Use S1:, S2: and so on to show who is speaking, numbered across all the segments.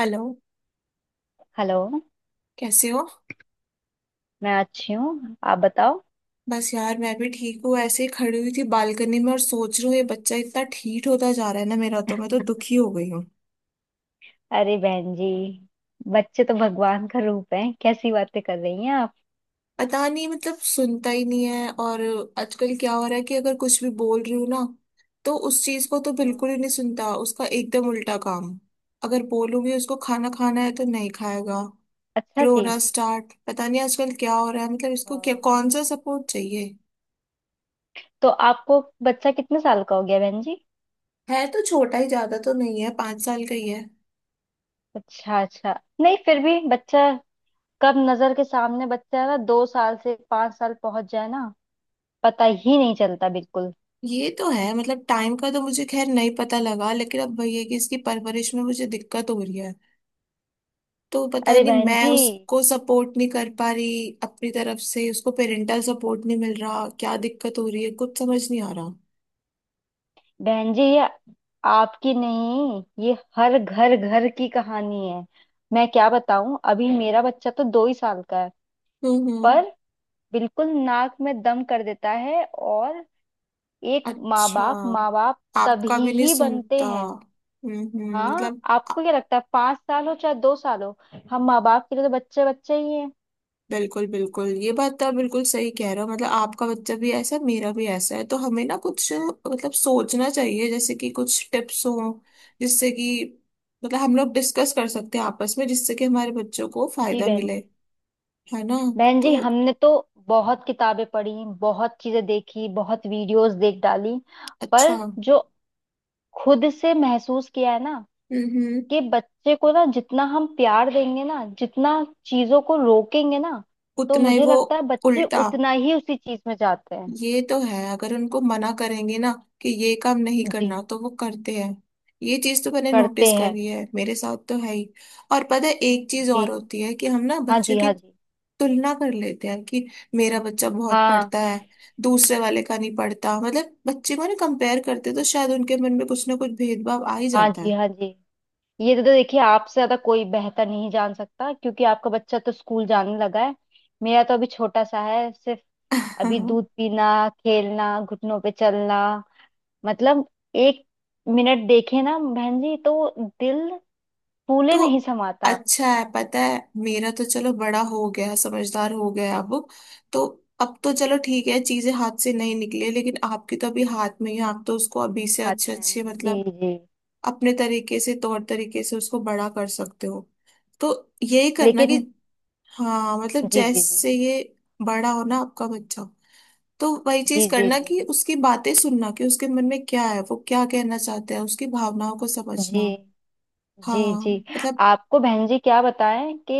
S1: Hello.
S2: Hello.
S1: कैसे हो।
S2: मैं अच्छी हूँ, आप बताओ।
S1: बस यार मैं भी ठीक हूँ, ऐसे ही खड़ी हुई थी बालकनी में और सोच रही हूँ ये बच्चा इतना ठीक होता जा रहा है ना, मेरा तो मैं तो दुखी हो गई हूँ।
S2: अरे बहन जी, बच्चे तो भगवान का रूप है, कैसी बातें कर रही हैं आप।
S1: पता नहीं, मतलब सुनता ही नहीं है। और आजकल क्या हो रहा है कि अगर कुछ भी बोल रही हूँ ना, तो उस चीज को तो
S2: हम्म।
S1: बिल्कुल ही नहीं सुनता, उसका एकदम उल्टा काम। अगर बोलूंगी उसको खाना खाना है तो नहीं खाएगा।
S2: अच्छा जी।
S1: रोना स्टार्ट। पता नहीं आजकल क्या हो रहा है, मतलब इसको क्या
S2: हाँ,
S1: कौन सा सपोर्ट चाहिए।
S2: तो आपको बच्चा कितने साल का हो गया बहन जी?
S1: है तो छोटा ही, ज्यादा तो नहीं है, पांच साल का ही है।
S2: अच्छा अच्छा। नहीं, फिर भी बच्चा कब नजर के सामने बच्चा है ना, दो साल से पांच साल पहुंच जाए ना, पता ही नहीं चलता बिल्कुल।
S1: ये तो है, मतलब टाइम का तो मुझे खैर नहीं पता लगा, लेकिन अब वही है कि इसकी परवरिश में मुझे दिक्कत हो रही है। तो पता
S2: अरे
S1: नहीं
S2: बहन
S1: मैं
S2: जी,
S1: उसको सपोर्ट नहीं कर पा रही अपनी तरफ से, उसको पेरेंटल सपोर्ट नहीं मिल रहा, क्या दिक्कत हो रही है कुछ समझ नहीं आ रहा।
S2: बहन जी ये आपकी नहीं, ये हर घर घर की कहानी है। मैं क्या बताऊं, अभी मेरा बच्चा तो दो ही साल का है,
S1: हम्म।
S2: पर बिल्कुल नाक में दम कर देता है। और एक माँ
S1: अच्छा,
S2: बाप
S1: आपका
S2: तभी
S1: भी नहीं
S2: ही
S1: सुनता।
S2: बनते हैं।
S1: हम्म।
S2: हाँ,
S1: मतलब
S2: आपको क्या लगता है, पांच साल हो चाहे दो साल हो, हम माँ बाप के लिए तो बच्चे बच्चे ही हैं।
S1: बिल्कुल बिल्कुल, ये बात तो आप बिल्कुल सही कह रहे हो। मतलब आपका बच्चा भी ऐसा है, मेरा भी ऐसा है, तो हमें ना कुछ मतलब सोचना चाहिए, जैसे कि कुछ टिप्स हो जिससे कि मतलब हम लोग डिस्कस कर सकते हैं आपस में, जिससे कि हमारे बच्चों को
S2: जी
S1: फायदा
S2: बहन
S1: मिले।
S2: जी,
S1: है ना।
S2: बहन जी
S1: तो
S2: हमने तो बहुत किताबें पढ़ी, बहुत चीजें देखी, बहुत वीडियोस देख डाली,
S1: अच्छा।
S2: पर जो खुद से महसूस किया है ना,
S1: हम्म।
S2: कि बच्चे को ना जितना हम प्यार देंगे ना, जितना चीजों को रोकेंगे ना, तो
S1: उतना ही
S2: मुझे
S1: वो
S2: लगता है बच्चे
S1: उल्टा।
S2: उतना ही उसी चीज में जाते हैं।
S1: ये तो है, अगर उनको मना करेंगे ना कि ये काम नहीं
S2: जी,
S1: करना, तो वो करते हैं। ये चीज तो मैंने
S2: करते
S1: नोटिस
S2: हैं।
S1: करी है, मेरे साथ तो है ही। और पता है एक चीज
S2: जी
S1: और होती है कि हम ना
S2: हाँ
S1: बच्चों
S2: जी,
S1: की
S2: हाँ जी।
S1: तुलना कर लेते हैं कि मेरा बच्चा बहुत
S2: हाँ
S1: पढ़ता है, दूसरे वाले का नहीं पढ़ता, मतलब बच्चे को ना कंपेयर करते हैं, तो शायद उनके मन में कुछ ना कुछ भेदभाव आ ही
S2: हाँ
S1: जाता
S2: जी, हाँ जी, ये तो देखिए आपसे ज्यादा कोई बेहतर नहीं जान सकता, क्योंकि आपका बच्चा तो स्कूल जाने लगा है। मेरा तो अभी छोटा सा है, सिर्फ
S1: है।
S2: अभी दूध पीना, खेलना, घुटनों पे चलना, मतलब एक मिनट देखे ना बहन जी, तो दिल फूले
S1: तो
S2: नहीं समाता।
S1: अच्छा है, पता है, मेरा तो चलो बड़ा हो गया, समझदार हो गया अब। तो अब तो चलो ठीक है, चीजें हाथ से नहीं निकले, लेकिन आपकी तो अभी हाथ में ही है, आप तो उसको अभी से
S2: हाथ
S1: अच्छे अच्छे,
S2: में, जी
S1: मतलब
S2: जी।
S1: अपने तरीके से, तौर तरीके से उसको बड़ा कर सकते हो। तो यही करना कि
S2: लेकिन
S1: हाँ, मतलब
S2: जी जी जी
S1: जैसे ये बड़ा हो ना आपका बच्चा, तो वही चीज
S2: जी, जी
S1: करना
S2: जी
S1: कि उसकी बातें सुनना कि उसके मन में क्या है, वो क्या कहना चाहता है, उसकी भावनाओं को समझना।
S2: जी जी
S1: हाँ
S2: जी।
S1: मतलब।
S2: आपको बहन जी क्या बताएं कि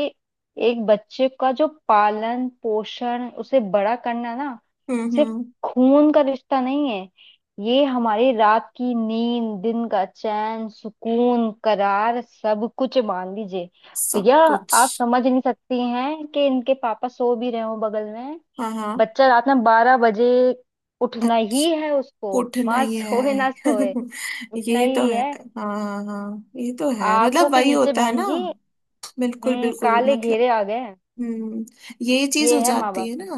S2: एक बच्चे का जो पालन पोषण, उसे बड़ा करना ना, सिर्फ
S1: हम्म।
S2: खून का रिश्ता नहीं है, ये हमारी रात की नींद, दिन का चैन, सुकून, करार, सब कुछ मान लीजिए
S1: सब
S2: भैया।
S1: कुछ।
S2: आप समझ नहीं सकती हैं कि इनके पापा सो भी रहे हो बगल में,
S1: हाँ हाँ।
S2: बच्चा रात में बारह बजे उठना ही
S1: अच्छा,
S2: है उसको।
S1: उठना
S2: माँ
S1: ही है।
S2: सोए ना सोए, उठना
S1: ये तो
S2: ही
S1: है।
S2: है।
S1: हाँ हाँ हाँ, ये तो है,
S2: आंखों
S1: मतलब
S2: के
S1: वही
S2: नीचे
S1: होता है
S2: बहन
S1: ना।
S2: जी,
S1: बिल्कुल
S2: हम्म,
S1: बिल्कुल,
S2: काले
S1: मतलब
S2: घेरे आ गए हैं।
S1: हम्म ये चीज
S2: ये
S1: हो
S2: है माँ
S1: जाती
S2: बाप
S1: है
S2: की।
S1: ना।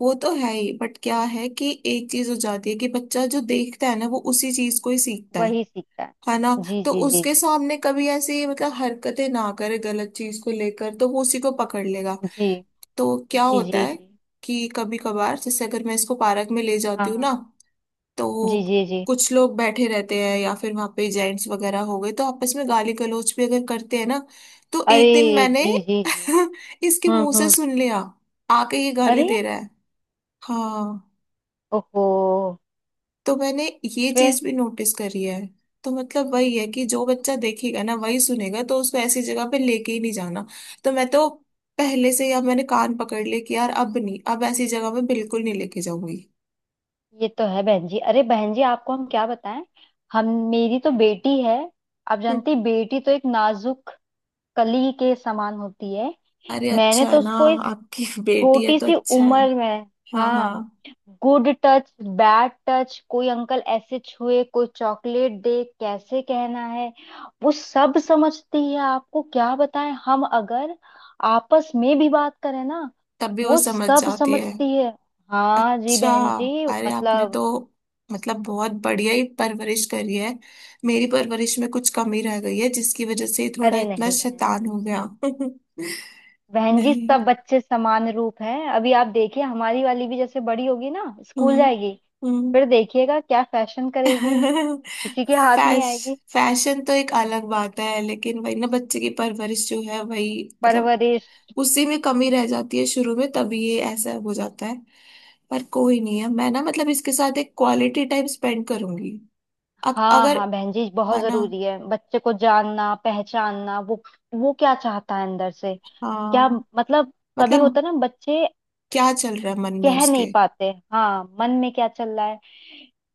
S1: वो तो है ही, बट क्या है कि एक चीज हो जाती है कि बच्चा जो देखता है ना, वो उसी चीज को ही सीखता है।
S2: वही सीखता है।
S1: है ना।
S2: जी
S1: तो
S2: जी जी
S1: उसके
S2: जी,
S1: सामने कभी ऐसी मतलब हरकतें ना करे गलत चीज को लेकर, तो वो उसी को पकड़ लेगा।
S2: जी
S1: तो क्या
S2: जी
S1: होता
S2: जी
S1: है
S2: जी।
S1: कि कभी कभार जैसे अगर मैं इसको पार्क में ले
S2: हाँ
S1: जाती हूँ ना,
S2: हाँ,
S1: तो
S2: जी जी जी।
S1: कुछ लोग बैठे रहते हैं, या फिर वहां पे जेंट्स वगैरह हो गए तो आपस में गाली गलौज भी अगर करते हैं ना, तो
S2: अरे,
S1: एक दिन मैंने
S2: जी जी जी।
S1: इसके मुंह से
S2: हम्म।
S1: सुन लिया, आके ये गाली
S2: अरे,
S1: दे रहा है। हाँ,
S2: ओहो।
S1: तो मैंने ये
S2: फिर,
S1: चीज भी नोटिस करी है। तो मतलब वही है कि जो बच्चा देखेगा ना वही सुनेगा, तो उसको ऐसी जगह पे लेके ही नहीं जाना। तो मैं तो पहले से ही अब मैंने कान पकड़ लिए कि यार अब नहीं, अब ऐसी जगह पे बिल्कुल नहीं लेके जाऊंगी।
S2: ये तो है बहन जी। अरे बहन जी, आपको हम क्या बताएं, हम मेरी तो बेटी है, आप
S1: हम्म।
S2: जानती बेटी तो एक नाजुक कली के समान होती है।
S1: अरे
S2: मैंने
S1: अच्छा
S2: तो
S1: है ना,
S2: उसको इस
S1: आपकी बेटी है
S2: छोटी
S1: तो
S2: सी
S1: अच्छा है।
S2: उम्र में
S1: हाँ हाँ।
S2: हाँ गुड टच बैड टच, कोई अंकल ऐसे छुए, कोई चॉकलेट दे, कैसे कहना है, वो सब समझती है। आपको क्या बताएं, हम अगर आपस में भी बात करें ना,
S1: तब भी वो
S2: वो
S1: समझ
S2: सब
S1: जाती है।
S2: समझती है। हाँ जी
S1: अच्छा,
S2: बहन जी,
S1: अरे आपने
S2: मतलब
S1: तो मतलब बहुत बढ़िया ही परवरिश करी है। मेरी परवरिश में कुछ कमी रह गई है जिसकी वजह से ये थोड़ा
S2: अरे
S1: इतना
S2: नहीं बहन
S1: शैतान हो गया।
S2: जी, बहन जी
S1: नहीं।
S2: सब बच्चे समान रूप हैं। अभी आप देखिए, हमारी वाली भी जैसे बड़ी होगी ना, स्कूल
S1: हम्म
S2: जाएगी,
S1: हम्म।
S2: फिर देखिएगा क्या फैशन करेगी, किसी के हाथ नहीं
S1: फैश
S2: आएगी।
S1: फैशन तो एक अलग बात है, लेकिन वही ना बच्चे की परवरिश जो है वही, मतलब
S2: परवरिश
S1: उसी में कमी रह जाती है शुरू में, तभी ये ऐसा हो जाता है। पर कोई नहीं है, मैं ना मतलब इसके साथ एक क्वालिटी टाइम स्पेंड करूंगी। अब
S2: हाँ,
S1: अगर
S2: हाँ बहन जी, बहुत
S1: है ना।
S2: जरूरी है बच्चे को जानना पहचानना, वो क्या चाहता है अंदर से, क्या
S1: हाँ
S2: मतलब, कभी
S1: मतलब
S2: होता है ना बच्चे
S1: क्या चल रहा है मन में
S2: कह नहीं
S1: उसके।
S2: पाते, हाँ मन में क्या चल रहा है,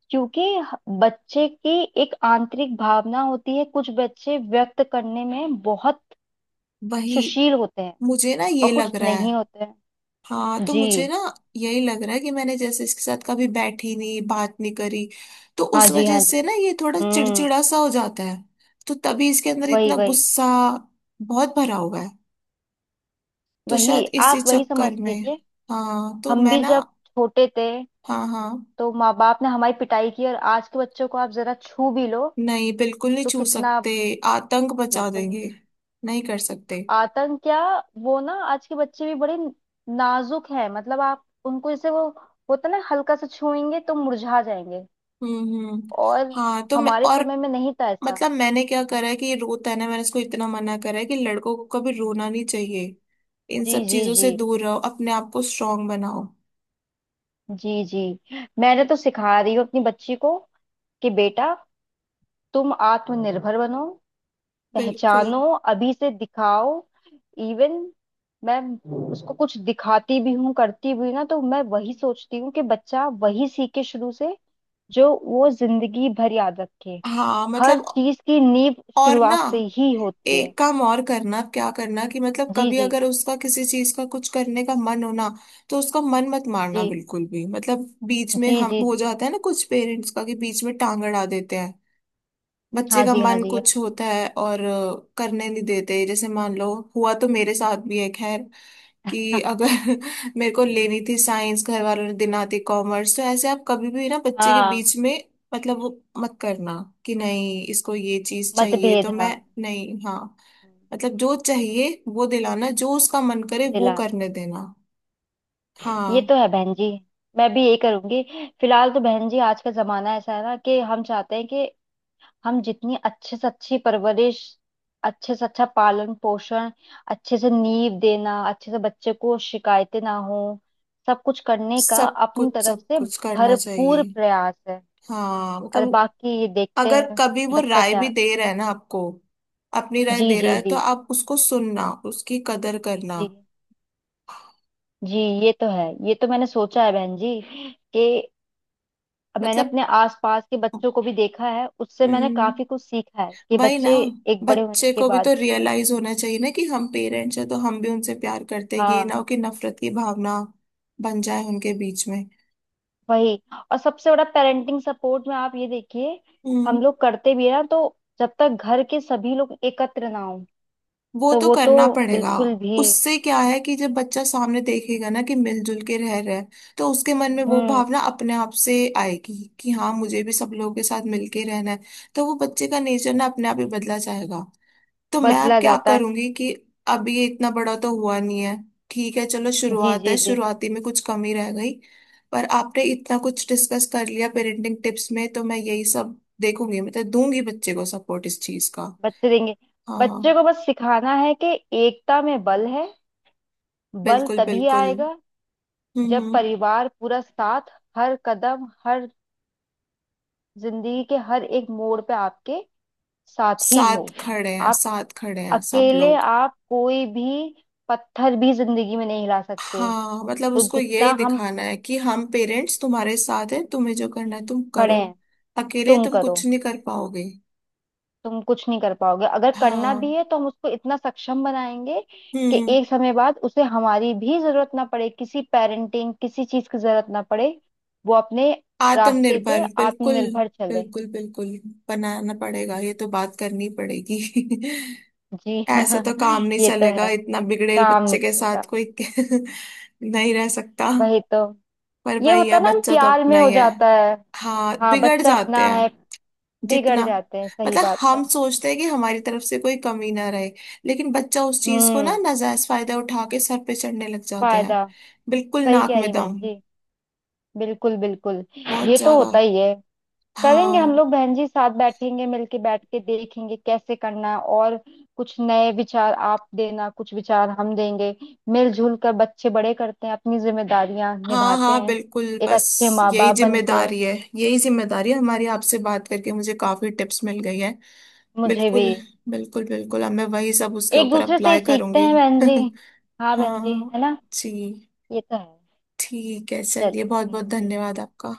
S2: क्योंकि बच्चे की एक आंतरिक भावना होती है। कुछ बच्चे व्यक्त करने में बहुत
S1: वही,
S2: सुशील होते हैं,
S1: मुझे ना
S2: और
S1: ये
S2: कुछ
S1: लग रहा है।
S2: नहीं होते हैं।
S1: हाँ तो
S2: जी
S1: मुझे ना यही लग रहा है कि मैंने जैसे इसके साथ कभी बैठी नहीं, बात नहीं करी, तो
S2: हाँ
S1: उस
S2: जी,
S1: वजह
S2: हाँ जी।
S1: से ना ये थोड़ा
S2: हम्म।
S1: चिड़चिड़ा सा हो जाता है। तो तभी इसके अंदर
S2: वही
S1: इतना
S2: वही,
S1: गुस्सा बहुत भरा हुआ है। तो
S2: वही
S1: शायद इसी
S2: आप, वही समझ
S1: चक्कर में।
S2: लीजिए।
S1: हाँ तो
S2: हम
S1: मैं
S2: भी
S1: ना।
S2: जब छोटे थे,
S1: हाँ हाँ।
S2: तो माँ बाप ने हमारी पिटाई की, और आज के बच्चों को आप जरा छू भी लो
S1: नहीं बिल्कुल, नहीं
S2: तो
S1: छू
S2: कितना,
S1: सकते, आतंक बचा
S2: बिल्कुल नहीं।
S1: देंगे। नहीं कर सकते।
S2: आतंक क्या, वो ना आज के बच्चे भी बड़े नाजुक हैं, मतलब आप उनको जैसे वो होता ना, हल्का सा छूएंगे तो मुरझा जाएंगे।
S1: हम्म हम्म।
S2: और
S1: हाँ तो मैं,
S2: हमारे
S1: और
S2: समय में नहीं था ऐसा।
S1: मतलब मैंने क्या करा है कि ये रोता है ना, मैंने इसको इतना मना करा है कि लड़कों को कभी रोना नहीं चाहिए, इन
S2: जी
S1: सब
S2: जी
S1: चीजों
S2: जी,
S1: से दूर रहो, अपने आप को स्ट्रांग बनाओ।
S2: जी जी। मैंने तो सिखा रही हूँ अपनी बच्ची को कि बेटा, तुम आत्मनिर्भर बनो,
S1: बिल्कुल।
S2: पहचानो, अभी से दिखाओ। इवन मैं उसको कुछ दिखाती भी हूँ, करती भी हूँ ना, तो मैं वही सोचती हूँ कि बच्चा वही सीखे शुरू से, जो वो जिंदगी भर याद रखे।
S1: हाँ
S2: हर
S1: मतलब
S2: चीज की नींव
S1: और ना
S2: शुरुआत से ही होती है।
S1: एक काम और करना, क्या करना कि मतलब
S2: जी
S1: कभी
S2: जी
S1: अगर उसका किसी चीज का कुछ करने का मन हो ना, तो उसका मन मत मारना
S2: जी,
S1: बिल्कुल भी। मतलब बीच में,
S2: जी
S1: हम
S2: जी
S1: हो
S2: जी।
S1: जाता है ना कुछ पेरेंट्स का कि बीच में टांग अड़ा देते हैं, बच्चे
S2: हाँ
S1: का
S2: जी, हाँ
S1: मन
S2: जी, हाँ
S1: कुछ
S2: जी।
S1: होता है और करने नहीं देते, जैसे मान लो हुआ तो मेरे साथ भी है खैर कि अगर मेरे को लेनी थी साइंस, घर वालों ने दिलाती कॉमर्स, तो ऐसे आप कभी भी ना बच्चे के
S2: हाँ,
S1: बीच में, मतलब वो मत करना कि नहीं इसको ये चीज चाहिए,
S2: मतभेद
S1: तो
S2: हाँ।
S1: मैं नहीं। हाँ
S2: हम्म।
S1: मतलब जो चाहिए वो दिलाना, जो उसका मन करे वो
S2: दिलाना,
S1: करने देना।
S2: ये तो
S1: हाँ,
S2: है बहन जी, मैं भी यही करूंगी। फिलहाल तो बहन जी आज का जमाना ऐसा है ना, कि हम चाहते हैं कि हम जितनी अच्छे से अच्छी परवरिश, अच्छे से अच्छा पालन पोषण, अच्छे से नींव देना, अच्छे से बच्चे को शिकायतें ना हो, सब कुछ करने का
S1: सब
S2: अपनी
S1: कुछ,
S2: तरफ
S1: सब
S2: से
S1: कुछ करना चाहिए।
S2: भरपूर प्रयास है,
S1: हाँ
S2: और
S1: मतलब
S2: बाकी ये देखते
S1: अगर
S2: हैं
S1: कभी वो
S2: बच्चा
S1: राय भी
S2: क्या।
S1: दे रहा है ना आपको, अपनी राय
S2: जी
S1: दे रहा
S2: जी
S1: है, तो
S2: जी,
S1: आप उसको सुनना, उसकी कदर करना।
S2: जी जी। ये तो है, ये तो मैंने सोचा है बहन जी, कि मैंने
S1: मतलब
S2: अपने आसपास के बच्चों को भी देखा है, उससे मैंने
S1: हम्म,
S2: काफी कुछ सीखा है कि
S1: वही ना,
S2: बच्चे एक बड़े होने
S1: बच्चे
S2: के
S1: को भी
S2: बाद,
S1: तो रियलाइज होना चाहिए ना कि हम पेरेंट्स हैं तो हम भी उनसे प्यार करते हैं, ये ना
S2: हाँ
S1: हो कि नफरत की भावना बन जाए उनके बीच में।
S2: वही। और सबसे बड़ा पेरेंटिंग सपोर्ट में आप ये देखिए,
S1: हम्म।
S2: हम लोग करते भी है ना तो, जब तक घर के सभी लोग एकत्र ना हो
S1: वो
S2: तो,
S1: तो
S2: वो तो
S1: करना पड़ेगा।
S2: बिल्कुल भी।
S1: उससे क्या है कि जब बच्चा सामने देखेगा ना कि मिलजुल के रह रहे हैं, तो उसके मन में वो
S2: हम्म,
S1: भावना अपने आप से आएगी कि हाँ मुझे भी सब लोगों के साथ मिलके रहना है। तो वो बच्चे का नेचर ना अपने आप ही बदला जाएगा। तो मैं अब
S2: बदला
S1: क्या
S2: जाता है।
S1: करूंगी कि अब ये इतना बड़ा तो हुआ नहीं है, ठीक है चलो
S2: जी
S1: शुरुआत
S2: जी
S1: है,
S2: जी।
S1: शुरुआती में कुछ कमी रह गई, पर आपने इतना कुछ डिस्कस कर लिया पेरेंटिंग टिप्स में, तो मैं यही सब देखूंगी, मतलब दूंगी बच्चे को सपोर्ट इस चीज का।
S2: बच्चे देंगे, बच्चे
S1: हाँ।
S2: को बस सिखाना है कि एकता में बल है। बल
S1: बिल्कुल
S2: तभी
S1: बिल्कुल।
S2: आएगा जब
S1: हम्म।
S2: परिवार पूरा साथ, हर कदम, हर जिंदगी के हर एक मोड़ पे आपके साथ ही
S1: साथ
S2: हो।
S1: खड़े हैं,
S2: आप
S1: साथ खड़े हैं सब
S2: अकेले
S1: लोग।
S2: आप कोई भी पत्थर भी जिंदगी में नहीं हिला सकते।
S1: हाँ मतलब
S2: तो
S1: उसको
S2: जितना
S1: यही
S2: हम,
S1: दिखाना है कि हम
S2: हम्म,
S1: पेरेंट्स तुम्हारे साथ हैं, तुम्हें जो करना है तुम
S2: खड़े
S1: करो,
S2: हैं,
S1: अकेले
S2: तुम
S1: तुम
S2: करो।
S1: कुछ नहीं कर पाओगे।
S2: तुम कुछ नहीं कर पाओगे, अगर करना भी
S1: हाँ।
S2: है तो हम उसको इतना सक्षम बनाएंगे कि
S1: हम्म।
S2: एक समय बाद उसे हमारी भी जरूरत ना पड़े, किसी पेरेंटिंग किसी चीज की जरूरत ना पड़े, वो अपने रास्ते पे
S1: आत्मनिर्भर बिल्कुल।
S2: आत्मनिर्भर चले।
S1: बिल्कुल बिल्कुल, बनाना पड़ेगा, ये तो
S2: जी
S1: बात करनी पड़ेगी।
S2: जी।
S1: ऐसे तो काम नहीं
S2: ये तो
S1: चलेगा
S2: है,
S1: इतना बिगड़ेल
S2: काम नहीं
S1: बच्चे के
S2: चलेगा।
S1: साथ कोई नहीं रह सकता।
S2: वही तो,
S1: पर
S2: ये
S1: वही
S2: होता
S1: है,
S2: है ना, हम
S1: बच्चा तो
S2: प्यार
S1: अपना
S2: में हो
S1: ही है।
S2: जाता है।
S1: हाँ,
S2: हाँ
S1: बिगड़
S2: बच्चा अपना
S1: जाते हैं
S2: है, बिगड़
S1: जितना,
S2: जाते हैं, सही
S1: मतलब
S2: बात है।
S1: हम सोचते हैं कि हमारी तरफ से कोई कमी ना रहे, लेकिन बच्चा उस चीज को ना
S2: हम्म,
S1: नाजायज फायदा उठा के सर पे चढ़ने लग जाते हैं,
S2: फायदा,
S1: बिल्कुल
S2: सही
S1: नाक
S2: कह
S1: में
S2: रही बहन
S1: दम,
S2: जी, बिल्कुल बिल्कुल,
S1: बहुत
S2: ये तो
S1: ज्यादा।
S2: होता ही है। करेंगे हम
S1: हाँ
S2: लोग बहन जी, साथ बैठेंगे, मिलके बैठ के देखेंगे कैसे करना है, और कुछ नए विचार आप देना, कुछ विचार हम देंगे। मिलजुल कर बच्चे बड़े करते हैं, अपनी जिम्मेदारियां
S1: हाँ
S2: निभाते
S1: हाँ
S2: हैं,
S1: बिल्कुल,
S2: एक अच्छे
S1: बस
S2: माँ
S1: यही
S2: बाप बनते हैं।
S1: जिम्मेदारी है, यही जिम्मेदारी है हमारी, आपसे बात करके मुझे काफी टिप्स मिल गई है।
S2: मुझे भी
S1: बिल्कुल, बिल्कुल बिल्कुल, अब मैं वही सब उसके
S2: एक
S1: ऊपर
S2: दूसरे से
S1: अप्लाई
S2: सीखते
S1: करूंगी।
S2: हैं बहन जी, हाँ बहन जी,
S1: हाँ।
S2: है ना,
S1: जी।
S2: ये तो है।
S1: ठीक है, चलिए,
S2: चलिए
S1: बहुत बहुत
S2: बहन जी,
S1: धन्यवाद आपका।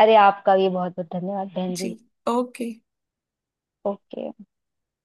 S2: अरे आपका भी बहुत बहुत धन्यवाद बहन
S1: जी।
S2: जी।
S1: ओके।
S2: ओके।